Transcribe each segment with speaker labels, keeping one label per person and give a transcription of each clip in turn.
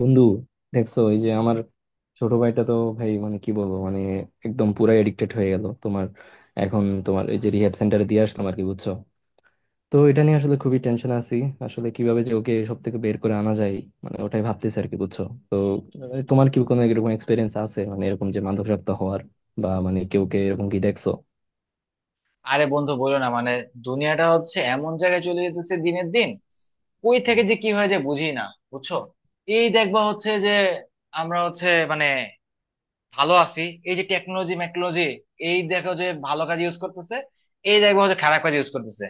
Speaker 1: বন্ধু, দেখছো এই যে আমার ছোট ভাইটা তো, ভাই মানে কি বলবো, মানে একদম পুরাই এডিক্টেড হয়ে গেল। তোমার এখন তোমার এই যে রিহ্যাব সেন্টারে দিয়ে আসলাম আর কি, বুঝছো? তো এটা নিয়ে আসলে খুবই টেনশন আছি। আসলে কিভাবে যে ওকে সব থেকে বের করে আনা যায়, মানে ওটাই ভাবতেছি আর কি, বুঝছো? তো তোমার কি কোনো এরকম এক্সপিরিয়েন্স আছে, মানে এরকম যে মাদকাসক্ত হওয়ার, বা মানে কেউ কে এরকম কি দেখছো?
Speaker 2: আরে বন্ধু বলো না, মানে দুনিয়াটা হচ্ছে এমন জায়গায় চলে যেতেছে দিনের দিন। কই থেকে যে কি হয়ে যায় বুঝি না, বুঝছো? এই দেখবা হচ্ছে যে আমরা হচ্ছে মানে ভালো আছি এই যে টেকনোলজি মেকনোলজি। এই দেখো যে ভালো কাজ ইউজ করতেছে, এই দেখবা হচ্ছে খারাপ কাজ ইউজ করতেছে।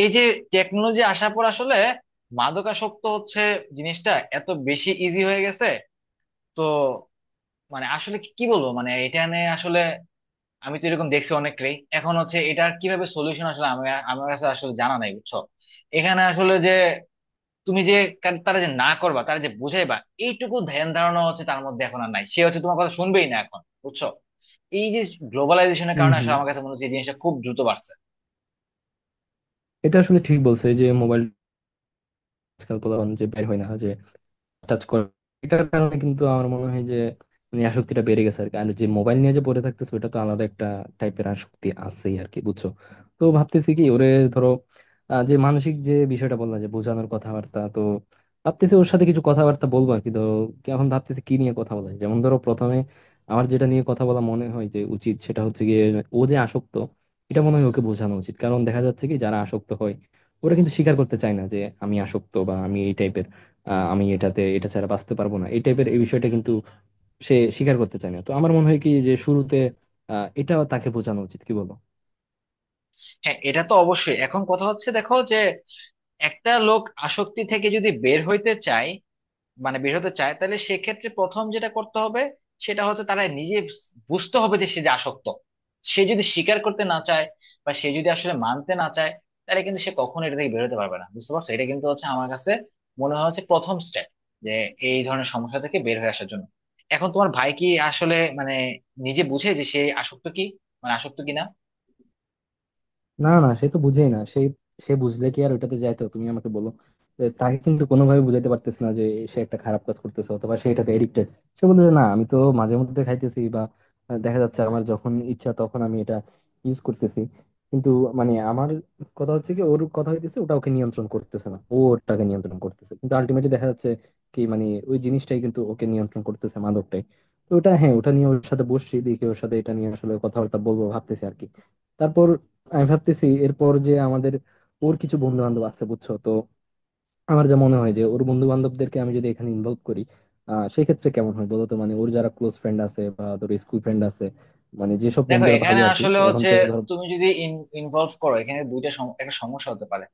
Speaker 2: এই যে টেকনোলজি আসার পর আসলে মাদকাসক্ত হচ্ছে জিনিসটা এত বেশি ইজি হয়ে গেছে। তো মানে আসলে কি কি বলবো, মানে এটা নিয়ে আসলে আমি তো এরকম দেখছি অনেককেই এখন। হচ্ছে এটার কিভাবে সলিউশন আসলে আমার কাছে আসলে জানা নাই, বুঝছো? এখানে আসলে যে তুমি যে তারা যে না করবা, তারা যে বুঝাইবা এইটুকু ধ্যান ধারণা হচ্ছে তার মধ্যে এখন আর নাই। সে হচ্ছে তোমার কথা শুনবেই না এখন, বুঝছো? এই যে গ্লোবালাইজেশনের
Speaker 1: হুম
Speaker 2: কারণে
Speaker 1: হুম।
Speaker 2: আসলে আমার কাছে মনে হচ্ছে এই জিনিসটা খুব দ্রুত বাড়ছে।
Speaker 1: এটা আসলে ঠিক বলছো। এই যে মোবাইল, আজকাল পোলাপান যে বের হয় না, যে টাচ করে, এটার কারণে কিন্তু আমার মনে হয় যে মানে আসক্তিটা বেড়ে গেছে আর কি। আর যে মোবাইল নিয়ে যে পড়ে থাকতেছে, ওটা তো আলাদা একটা টাইপের আসক্তি আছেই আর কি, বুঝছো? তো ভাবতেছি কি ওরে, ধরো, যে মানসিক যে বিষয়টা বললাম যে বোঝানোর কথাবার্তা, তো ভাবতেছি ওর সাথে কিছু কথাবার্তা বলবো আর কি, ধরো। কি এখন ভাবতেছি কি নিয়ে কথা বলা যায়। যেমন ধরো, প্রথমে আমার যেটা নিয়ে কথা বলা মনে হয় যে উচিত, সেটা হচ্ছে গিয়ে ও যে আসক্ত, এটা মনে হয় ওকে বোঝানো উচিত। কারণ দেখা যাচ্ছে কি, যারা আসক্ত হয় ওরা কিন্তু স্বীকার করতে চায় না যে আমি আসক্ত, বা আমি এই টাইপের, আমি এটাতে এটা ছাড়া বাঁচতে পারবো না, এই টাইপের এই বিষয়টা কিন্তু সে স্বীকার করতে চায় না। তো আমার মনে হয় কি যে শুরুতে এটাও তাকে বোঝানো উচিত, কি বলো?
Speaker 2: হ্যাঁ, এটা তো অবশ্যই। এখন কথা হচ্ছে দেখো যে একটা লোক আসক্তি থেকে যদি বের হইতে চায়, মানে বের হতে চায়, তাহলে সেক্ষেত্রে প্রথম যেটা করতে হবে সেটা হচ্ছে তারা নিজে বুঝতে হবে যে সে যে আসক্ত। সে যদি স্বীকার করতে না চায় বা সে যদি আসলে মানতে না চায়, তাহলে কিন্তু সে কখনো এটা থেকে বেরোতে পারবে না। বুঝতে পারছো? এটা কিন্তু হচ্ছে আমার কাছে মনে হয় হচ্ছে প্রথম স্টেপ যে এই ধরনের সমস্যা থেকে বের হয়ে আসার জন্য। এখন তোমার ভাই কি আসলে মানে নিজে বুঝে যে সে আসক্ত কি, মানে আসক্ত কিনা?
Speaker 1: না না, সে তো বুঝেই না। সে সে বুঝলে কি আর ওইটাতে যাইতো, তুমি আমাকে বলো। যে তাকে কিন্তু কোনোভাবে বুঝাইতে পারতেছ না যে সে একটা খারাপ কাজ করতেছে, অথবা সে এটাতে এডিক্টেড। সে বলতে না আমি তো মাঝে মধ্যে খাইতেছি, বা দেখা যাচ্ছে আমার যখন ইচ্ছা তখন আমি এটা ইউজ করতেছি। কিন্তু মানে আমার কথা হচ্ছে কি, ওর কথা হইতেছে ওটা ওকে নিয়ন্ত্রণ করতেছে না, ও ওটাকে নিয়ন্ত্রণ করতেছে, কিন্তু আলটিমেটলি দেখা যাচ্ছে কি মানে ওই জিনিসটাই কিন্তু ওকে নিয়ন্ত্রণ করতেছে, মাদকটাই। তো ওটা, হ্যাঁ, ওটা নিয়ে ওর সাথে বসছি, দেখি ওর সাথে এটা নিয়ে আসলে কথাবার্তা বলবো ভাবতেছি আর কি। তারপর আমি ভাবতেছি এরপর যে আমাদের, ওর কিছু বন্ধু বান্ধব আছে, বুঝছো? তো আমার যা মনে হয় যে ওর বন্ধু বান্ধবদেরকে আমি যদি এখানে ইনভলভ করি, আহ সেই ক্ষেত্রে কেমন হয় বলতো। মানে ওর যারা ক্লোজ ফ্রেন্ড আছে, বা ধরো স্কুল ফ্রেন্ড আছে, মানে যেসব
Speaker 2: দেখো
Speaker 1: বন্ধুরা
Speaker 2: এখানে
Speaker 1: ভালো আর কি,
Speaker 2: আসলে
Speaker 1: এখন
Speaker 2: হচ্ছে
Speaker 1: তো ধরো।
Speaker 2: তুমি যদি ইনভলভ করো, এখানে একটা সমস্যা হতে পারে।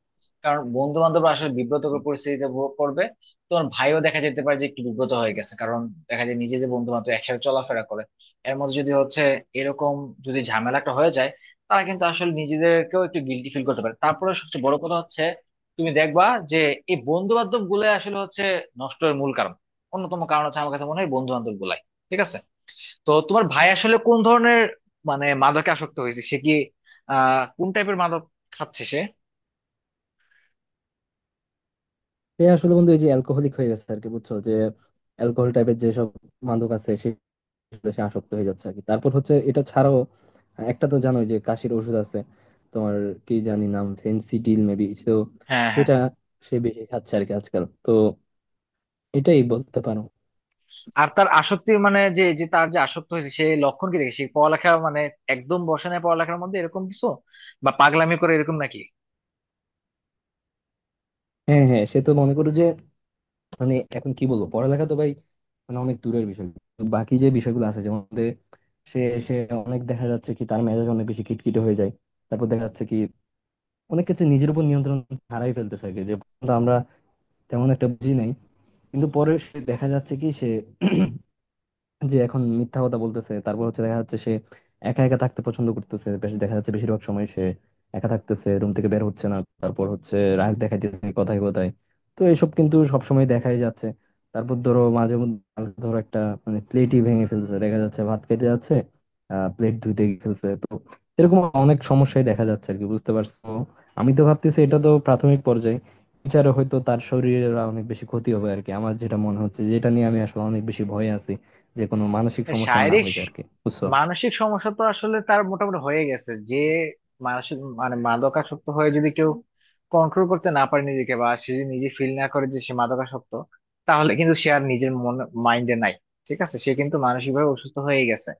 Speaker 2: কারণ বন্ধু বান্ধব আসলে বিব্রতকর পরিস্থিতিতে পড়বে। তোমার ভাইও দেখা যেতে পারে যে একটু বিব্রত হয়ে গেছে, কারণ দেখা যায় নিজে যে বন্ধু বান্ধব একসাথে চলাফেরা করে এর মধ্যে যদি হচ্ছে এরকম যদি ঝামেলাটা হয়ে যায়, তারা কিন্তু আসলে নিজেদেরকেও একটু গিল্টি ফিল করতে পারে। তারপরে সবচেয়ে বড় কথা হচ্ছে তুমি দেখবা যে এই বন্ধু বান্ধব গুলাই আসলে হচ্ছে নষ্টের মূল কারণ, অন্যতম কারণ হচ্ছে আমার কাছে মনে হয় বন্ধু বান্ধব গুলাই। ঠিক আছে? তো তোমার ভাই আসলে কোন ধরনের মানে মাদকে আসক্ত হয়েছে? সে কি কোন টাইপের মাদক খাচ্ছে সে?
Speaker 1: সে আসলে, বন্ধু, এই যে অ্যালকোহলিক হয়ে গেছে আর কি, বুঝছো? যে অ্যালকোহল টাইপের যেসব মাদক আছে, সে সে আসক্ত হয়ে যাচ্ছে আর কি। তারপর হচ্ছে এটা ছাড়াও একটা তো জানোই, যে কাশির ওষুধ আছে তোমার, কি জানি নাম, ফেন্সিডিল মেবি। তো
Speaker 2: হ্যাঁ, হ্যাঁ।
Speaker 1: সেটা সে বেশি খাচ্ছে আর কি আজকাল, তো এটাই বলতে পারো।
Speaker 2: আর তার আসক্তি মানে যে যে তার যে আসক্ত হয়েছে, সে লক্ষণ কি দেখে? সে পড়ালেখা মানে একদম বসে না পড়ালেখার মধ্যে, এরকম কিছু? বা পাগলামি করে, এরকম নাকি?
Speaker 1: হ্যাঁ হ্যাঁ, সে তো মনে করো যে মানে এখন কি বলবো, পড়ালেখা তো ভাই মানে অনেক দূরের বিষয়। তো বাকি যে বিষয়গুলো আছে যেমন যে, সে, সে অনেক, দেখা যাচ্ছে কি তার মেজাজ অনেক বেশি খিটখিটে হয়ে যায়। তারপর দেখা যাচ্ছে কি অনেক ক্ষেত্রে নিজের উপর নিয়ন্ত্রণ হারাই ফেলতেছে। আগে যে প্রথমত আমরা তেমন একটা বুঝি নাই, কিন্তু পরে সে দেখা যাচ্ছে কি সে যে এখন মিথ্যা কথা বলতেছে। তারপর হচ্ছে দেখা যাচ্ছে সে একা একা থাকতে পছন্দ করতেছে বেশ, দেখা যাচ্ছে বেশিরভাগ সময় সে একা থাকতেছে, রুম থেকে বের হচ্ছে না। তারপর হচ্ছে রাগ দেখাইতেছে কথায় কথায়। তো এসব কিন্তু সবসময় দেখাই যাচ্ছে। তারপর ধরো মাঝে মধ্যে ধরো একটা, মানে প্লেটই ভেঙে ফেলছে, দেখা যাচ্ছে ভাত খেতে যাচ্ছে, আহ প্লেট ধুইতে গিয়ে ফেলছে। তো এরকম অনেক সমস্যাই দেখা যাচ্ছে আর কি, বুঝতে পারছো? আমি তো ভাবতেছি এটা তো প্রাথমিক পর্যায়ে, বিচারে হয়তো তার শরীরের অনেক বেশি ক্ষতি হবে আর কি। আমার যেটা মনে হচ্ছে, যেটা নিয়ে আমি আসলে অনেক বেশি ভয়ে আছি, যে কোনো মানসিক সমস্যা না
Speaker 2: শারীরিক
Speaker 1: হয়ে
Speaker 2: স-
Speaker 1: যায় আর কি, বুঝছো?
Speaker 2: মানসিক সমস্যা তো আসলে তার মোটামুটি হয়ে গেছে। যে মানসিক মানে মাদকাসক্ত হয়ে যদি কেউ কন্ট্রোল করতে না পারে নিজেকে, বা সে যদি নিজে ফিল না করে যে সে মাদকাসক্ত, তাহলে কিন্তু সে আর নিজের মন মাইন্ডে নাই। ঠিক আছে? সে কিন্তু মানসিক ভাবে অসুস্থ হয়ে গেছে।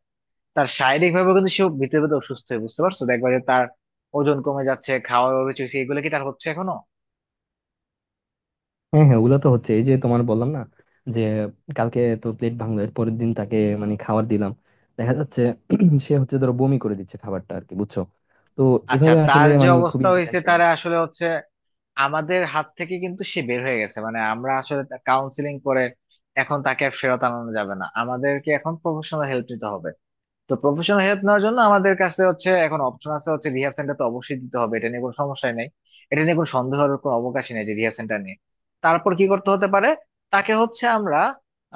Speaker 2: তার শারীরিক ভাবে কিন্তু সে ভিতরে ভিতরে অসুস্থ হয়ে, বুঝতে পারছো? দেখবা যে তার ওজন কমে যাচ্ছে, খাওয়ার অরুচি হচ্ছে, এগুলো কি তার হচ্ছে এখনো?
Speaker 1: হ্যাঁ হ্যাঁ, ওগুলো তো হচ্ছে। এই যে তোমার বললাম না, যে কালকে তো প্লেট ভাঙলো, এর পরের দিন তাকে মানে খাবার দিলাম, দেখা যাচ্ছে সে হচ্ছে ধরো বমি করে দিচ্ছে খাবারটা আর কি, বুঝছো? তো
Speaker 2: আচ্ছা,
Speaker 1: এভাবে
Speaker 2: তার
Speaker 1: আসলে
Speaker 2: যে
Speaker 1: মানে
Speaker 2: অবস্থা
Speaker 1: খুবই
Speaker 2: হয়েছে
Speaker 1: টেনশন।
Speaker 2: তারা আসলে হচ্ছে আমাদের হাত থেকে কিন্তু সে বের হয়ে গেছে। মানে আমরা আসলে কাউন্সিলিং করে এখন তাকে আর ফেরত আনানো যাবে না, আমাদেরকে এখন প্রফেশনাল হেল্প নিতে হবে। তো প্রফেশনাল হেল্প নেওয়ার জন্য আমাদের কাছে হচ্ছে এখন অপশন আছে হচ্ছে রিহাব সেন্টার, তো অবশ্যই দিতে হবে, এটা নিয়ে কোনো সমস্যা নেই। এটা নিয়ে কোনো সন্দেহের কোনো অবকাশই নেই যে রিহাব সেন্টার নিয়ে। তারপর কি করতে হতে পারে? তাকে হচ্ছে আমরা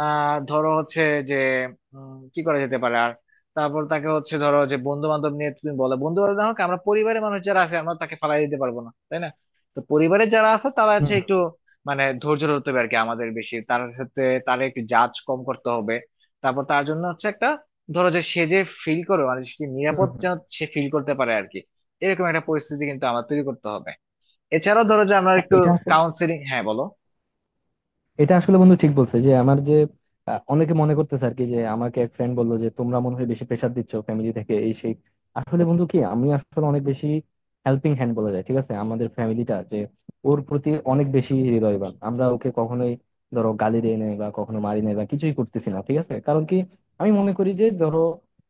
Speaker 2: ধরো হচ্ছে যে কি করা যেতে পারে। আর তারপর তাকে হচ্ছে ধরো যে বন্ধু বান্ধব নিয়ে তুমি বলো, বন্ধু বান্ধব না হোক, আমরা পরিবারের মানুষ যারা আছে আমরা তাকে ফালাই দিতে পারবো না, তাই না? তো পরিবারের যারা আছে তারা হচ্ছে
Speaker 1: হম
Speaker 2: একটু মানে ধৈর্য ধরতে হবে আর কি আমাদের বেশি তার সাথে। তারা একটু জাজ কম করতে হবে। তারপর তার জন্য হচ্ছে একটা ধরো যে সে যে ফিল করে মানে সে
Speaker 1: হম
Speaker 2: নিরাপদ
Speaker 1: হম হম।
Speaker 2: যেন সে ফিল করতে পারে আর কি, এরকম একটা পরিস্থিতি কিন্তু আমার তৈরি করতে হবে। এছাড়াও ধরো যে আমরা একটু
Speaker 1: এটা আসলে
Speaker 2: কাউন্সিলিং। হ্যাঁ বলো।
Speaker 1: এটা আসলে বন্ধু ঠিক বলছে, যে আমার যে অনেকে মনে করতেছে আর কি, যে আমাকে এক ফ্রেন্ড বললো যে তোমরা মনে হয় বেশি প্রেসার দিচ্ছ ফ্যামিলি থেকে, এই সেই। আসলে বন্ধু কি, আমি আসলে অনেক বেশি হেল্পিং হ্যান্ড বলা যায়, ঠিক আছে? আমাদের ফ্যামিলিটা যে ওর প্রতি অনেক বেশি হৃদয়বান। আমরা ওকে কখনোই ধরো গালি দেই নাই, বা কখনো মারি নাই, বা কিছুই করতেছি না, ঠিক আছে? কারণ কি, আমি মনে করি যে ধরো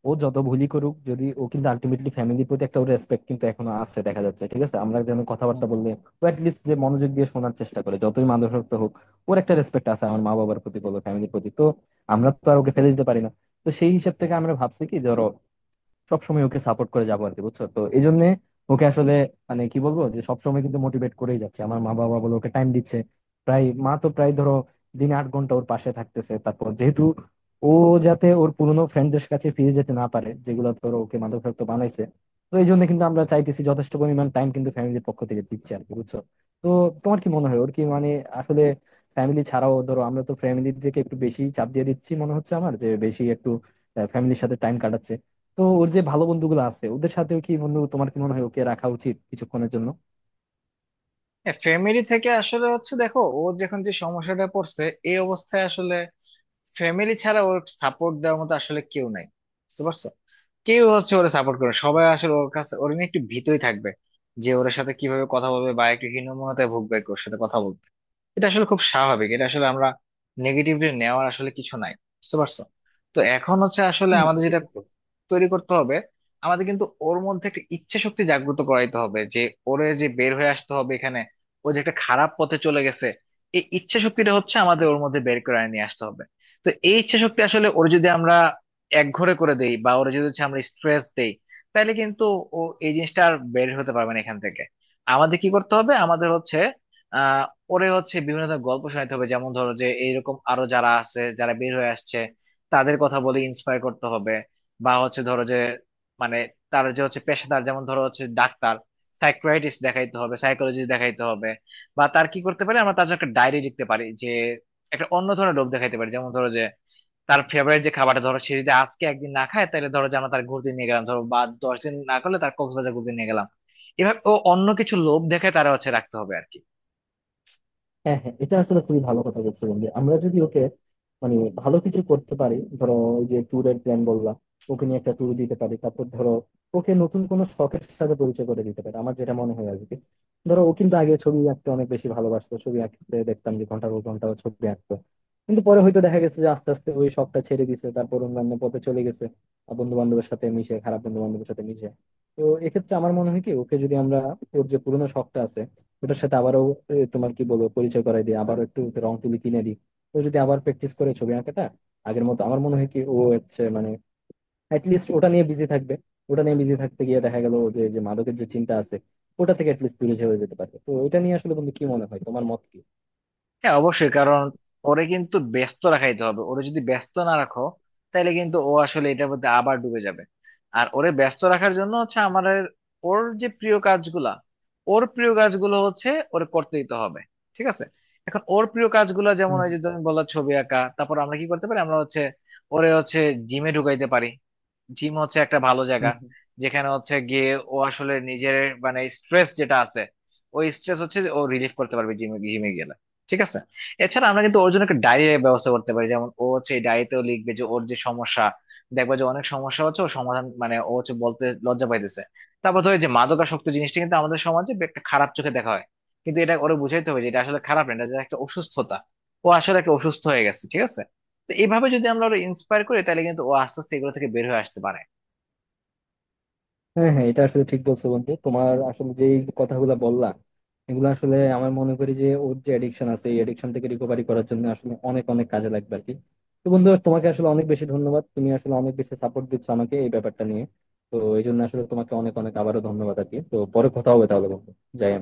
Speaker 1: ও যত ভুলই করুক, যদি ও কিন্তু আলটিমেটলি ফ্যামিলির প্রতি একটা রেসপেক্ট কিন্তু এখনো আছে দেখা যাচ্ছে, ঠিক আছে? আমরা যেন
Speaker 2: হুম।
Speaker 1: কথাবার্তা বললে ও লিস্ট যে মনোযোগ দিয়ে শোনার চেষ্টা করে, যতই মাদক হোক ওর একটা রেসপেক্ট আছে আমার মা বাবার প্রতি বলো, ফ্যামিলির প্রতি। তো আমরা তো আর ওকে ফেলে দিতে পারি না। তো সেই হিসাব থেকে আমরা ভাবছি কি, ধরো সবসময় ওকে সাপোর্ট করে যাবো আর কি, বুঝছো? তো এই জন্য ওকে আসলে মানে কি বলবো, যে সবসময় কিন্তু মোটিভেট করেই যাচ্ছে আমার মা বাবা বলে, ওকে টাইম দিচ্ছে। প্রায় মা তো প্রায় ধরো দিনে 8 ঘন্টা ওর পাশে থাকতেছে। তারপর যেহেতু ও, যাতে ওর পুরোনো ফ্রেন্ডদের কাছে ফিরে যেতে না পারে যেগুলো ধরো ওকে মাদকাসক্ত বানাইছে, তো এই জন্য কিন্তু আমরা চাইতেছি যথেষ্ট পরিমাণ টাইম কিন্তু ফ্যামিলির পক্ষ থেকে দিচ্ছে আর কি, বুঝছো? তো তোমার কি মনে হয়, ওর কি মানে আসলে ফ্যামিলি ছাড়াও ধরো, আমরা তো ফ্যামিলি থেকে একটু বেশি চাপ দিয়ে দিচ্ছি মনে হচ্ছে আমার, যে বেশি একটু ফ্যামিলির সাথে টাইম কাটাচ্ছে। তো ওর যে ভালো বন্ধুগুলো আছে ওদের সাথেও কি, বন্ধু তোমার কি মনে হয় ওকে রাখা উচিত কিছুক্ষণের জন্য?
Speaker 2: হ্যাঁ, ফ্যামিলি থেকে আসলে হচ্ছে দেখো ও যখন যে সমস্যাটা পড়ছে এই অবস্থায় আসলে ফ্যামিলি ছাড়া ওর সাপোর্ট দেওয়ার মতো আসলে কেউ নাই। বুঝতে পারছো? কেউ হচ্ছে ওরা সাপোর্ট করে, সবাই আসলে ওর কাছে ওর নিয়ে একটু ভীতই থাকবে যে ওর সাথে কিভাবে কথা বলবে, বা একটু হীনমন্যতায় ভুগবে আর কি ওর সাথে কথা বলতে। এটা আসলে খুব স্বাভাবিক, এটা আসলে আমরা নেগেটিভলি নেওয়ার আসলে কিছু নাই। বুঝতে পারছো? তো এখন হচ্ছে আসলে
Speaker 1: হম,
Speaker 2: আমাদের
Speaker 1: এটা
Speaker 2: যেটা
Speaker 1: ঠিক বলেছো।
Speaker 2: তৈরি করতে হবে, আমাদের কিন্তু ওর মধ্যে একটা ইচ্ছে শক্তি জাগ্রত করাইতে হবে যে ওরে যে বের হয়ে আসতে হবে এখানে, ও যে একটা খারাপ পথে চলে গেছে। এই ইচ্ছে শক্তিটা হচ্ছে আমাদের ওর মধ্যে বের করে নিয়ে আসতে হবে। তো এই ইচ্ছে শক্তি আসলে ওর যদি আমরা একঘরে করে দেই বা ওর যদি হচ্ছে আমরা স্ট্রেস দেই, তাহলে কিন্তু ও এই জিনিসটা আর বের হতে পারবে না এখান থেকে। আমাদের কি করতে হবে? আমাদের হচ্ছে আহ ওরে হচ্ছে বিভিন্ন ধরনের গল্প শোনাতে হবে, যেমন ধরো যে এইরকম আরো যারা আছে যারা বের হয়ে আসছে তাদের কথা বলে ইন্সপায়ার করতে হবে। বা হচ্ছে ধরো যে মানে তার যে হচ্ছে পেশাদার, যেমন ধরো হচ্ছে ডাক্তার, সাইকিয়াট্রিস্ট দেখাইতে হবে, সাইকোলজিস্ট দেখাইতে হবে। বা তার কি করতে পারি, আমরা তার জন্য একটা ডায়েরি লিখতে পারি যে একটা অন্য ধরনের রোগ দেখাইতে পারি। যেমন ধরো যে তার ফেভারিট যে খাবারটা, ধরো সে যদি আজকে একদিন না খায় তাহলে ধরো যে আমরা তার ঘুরতে নিয়ে গেলাম ধরো, বা 10 দিন না করলে তার কক্সবাজার ঘুরতে নিয়ে গেলাম। এভাবে ও অন্য কিছু লোভ দেখে তারা হচ্ছে রাখতে হবে আর কি।
Speaker 1: হ্যাঁ হ্যাঁ, এটা আসলে খুবই ভালো কথা বলছো বন্ধু। আমরা যদি ওকে মানে ভালো কিছু করতে পারি, ধরো ওই যে ট্যুরের প্ল্যান বললাম, ওকে নিয়ে একটা ট্যুর দিতে পারি। তারপর ধরো ওকে নতুন কোনো শখের সাথে পরিচয় করে দিতে পারি, আমার যেটা মনে হয় আর কি। ধরো ও কিন্তু আগে ছবি আঁকতে অনেক বেশি ভালোবাসতো, ছবি আঁকতে দেখতাম যে ঘন্টার পর ঘন্টা ও ছবি আঁকতো। কিন্তু পরে হয়তো দেখা গেছে যে আস্তে আস্তে ওই শখটা ছেড়ে দিছে, তারপর অন্যান্য পথে চলে গেছে, বন্ধু বান্ধবের সাথে মিশে, খারাপ বন্ধু বান্ধবের সাথে মিশে। তো এক্ষেত্রে আমার মনে হয় কি, ওকে যদি আমরা ওর যে পুরোনো শখটা আছে ওটার সাথে আবারও, তোমার কি বলবো, পরিচয় করাই দিই আবারও, একটু ওকে রং তুলি কিনে দিই। ও যদি আবার প্র্যাকটিস করে ছবি আঁকাটা আগের মতো, আমার মনে হয় কি ও হচ্ছে মানে অ্যাটলিস্ট ওটা নিয়ে বিজি থাকবে। ওটা নিয়ে বিজি থাকতে গিয়ে দেখা গেল যে যে মাদকের যে চিন্তা আছে ওটা থেকে অ্যাটলিস্ট দূরে সরে যেতে পারবে। তো এটা নিয়ে আসলে বন্ধু কি মনে হয় তোমার, মত কি?
Speaker 2: হ্যাঁ, অবশ্যই। কারণ ওরে কিন্তু ব্যস্ত রাখাইতে হবে, ওরে যদি ব্যস্ত না রাখো তাহলে কিন্তু ও আসলে এটার মধ্যে আবার ডুবে যাবে। আর ওরে ব্যস্ত রাখার জন্য হচ্ছে আমাদের ওর যে প্রিয় কাজগুলা, ওর প্রিয় কাজগুলো হচ্ছে ওরে করতে দিতে হবে। ঠিক আছে? এখন ওর প্রিয় কাজগুলো যেমন
Speaker 1: হম
Speaker 2: ওই যে তুমি বললা ছবি আঁকা, তারপর আমরা কি করতে পারি, আমরা হচ্ছে ওরে হচ্ছে জিমে ঢুকাইতে পারি। জিম হচ্ছে একটা ভালো জায়গা
Speaker 1: হম।
Speaker 2: যেখানে হচ্ছে গিয়ে ও আসলে নিজের মানে স্ট্রেস যেটা আছে ওই স্ট্রেস হচ্ছে যে ও রিলিফ করতে পারবে জিমে, জিমে গেলে। ঠিক আছে? এছাড়া আমরা কিন্তু ওর জন্য একটা ডায়েরির ব্যবস্থা করতে পারি, যেমন ও হচ্ছে এই ডায়েরিতেও লিখবে যে ওর যে সমস্যা। দেখবা যে অনেক সমস্যা হচ্ছে ও সমাধান মানে ও হচ্ছে বলতে লজ্জা পাইতেছে। তারপর ধরো এই যে মাদকাসক্ত জিনিসটা কিন্তু আমাদের সমাজে একটা খারাপ চোখে দেখা হয়, কিন্তু এটা ওরে বুঝাইতে হবে যে এটা আসলে খারাপ না, এটা যে একটা অসুস্থতা। ও আসলে একটা অসুস্থ হয়ে গেছে। ঠিক আছে? তো এইভাবে যদি আমরা ওরা ইন্সপায়ার করি তাহলে কিন্তু ও আস্তে আস্তে এগুলো থেকে বের হয়ে আসতে পারে।
Speaker 1: হ্যাঁ হ্যাঁ, এটা আসলে ঠিক বলছো বন্ধু। তোমার আসলে যে কথাগুলো বললা, এগুলো আসলে আমার মনে করি যে ওর যে এডিকশন আছে, এই এডিকশন থেকে রিকভারি করার জন্য আসলে অনেক অনেক কাজে লাগবে আর কি। তো বন্ধু, তোমাকে আসলে অনেক বেশি ধন্যবাদ। তুমি আসলে অনেক বেশি সাপোর্ট দিচ্ছ আমাকে এই ব্যাপারটা নিয়ে। তো এই জন্য আসলে তোমাকে অনেক অনেক আবারও ধন্যবাদ আর কি। তো পরে কথা হবে তাহলে বন্ধু। যাই আমি।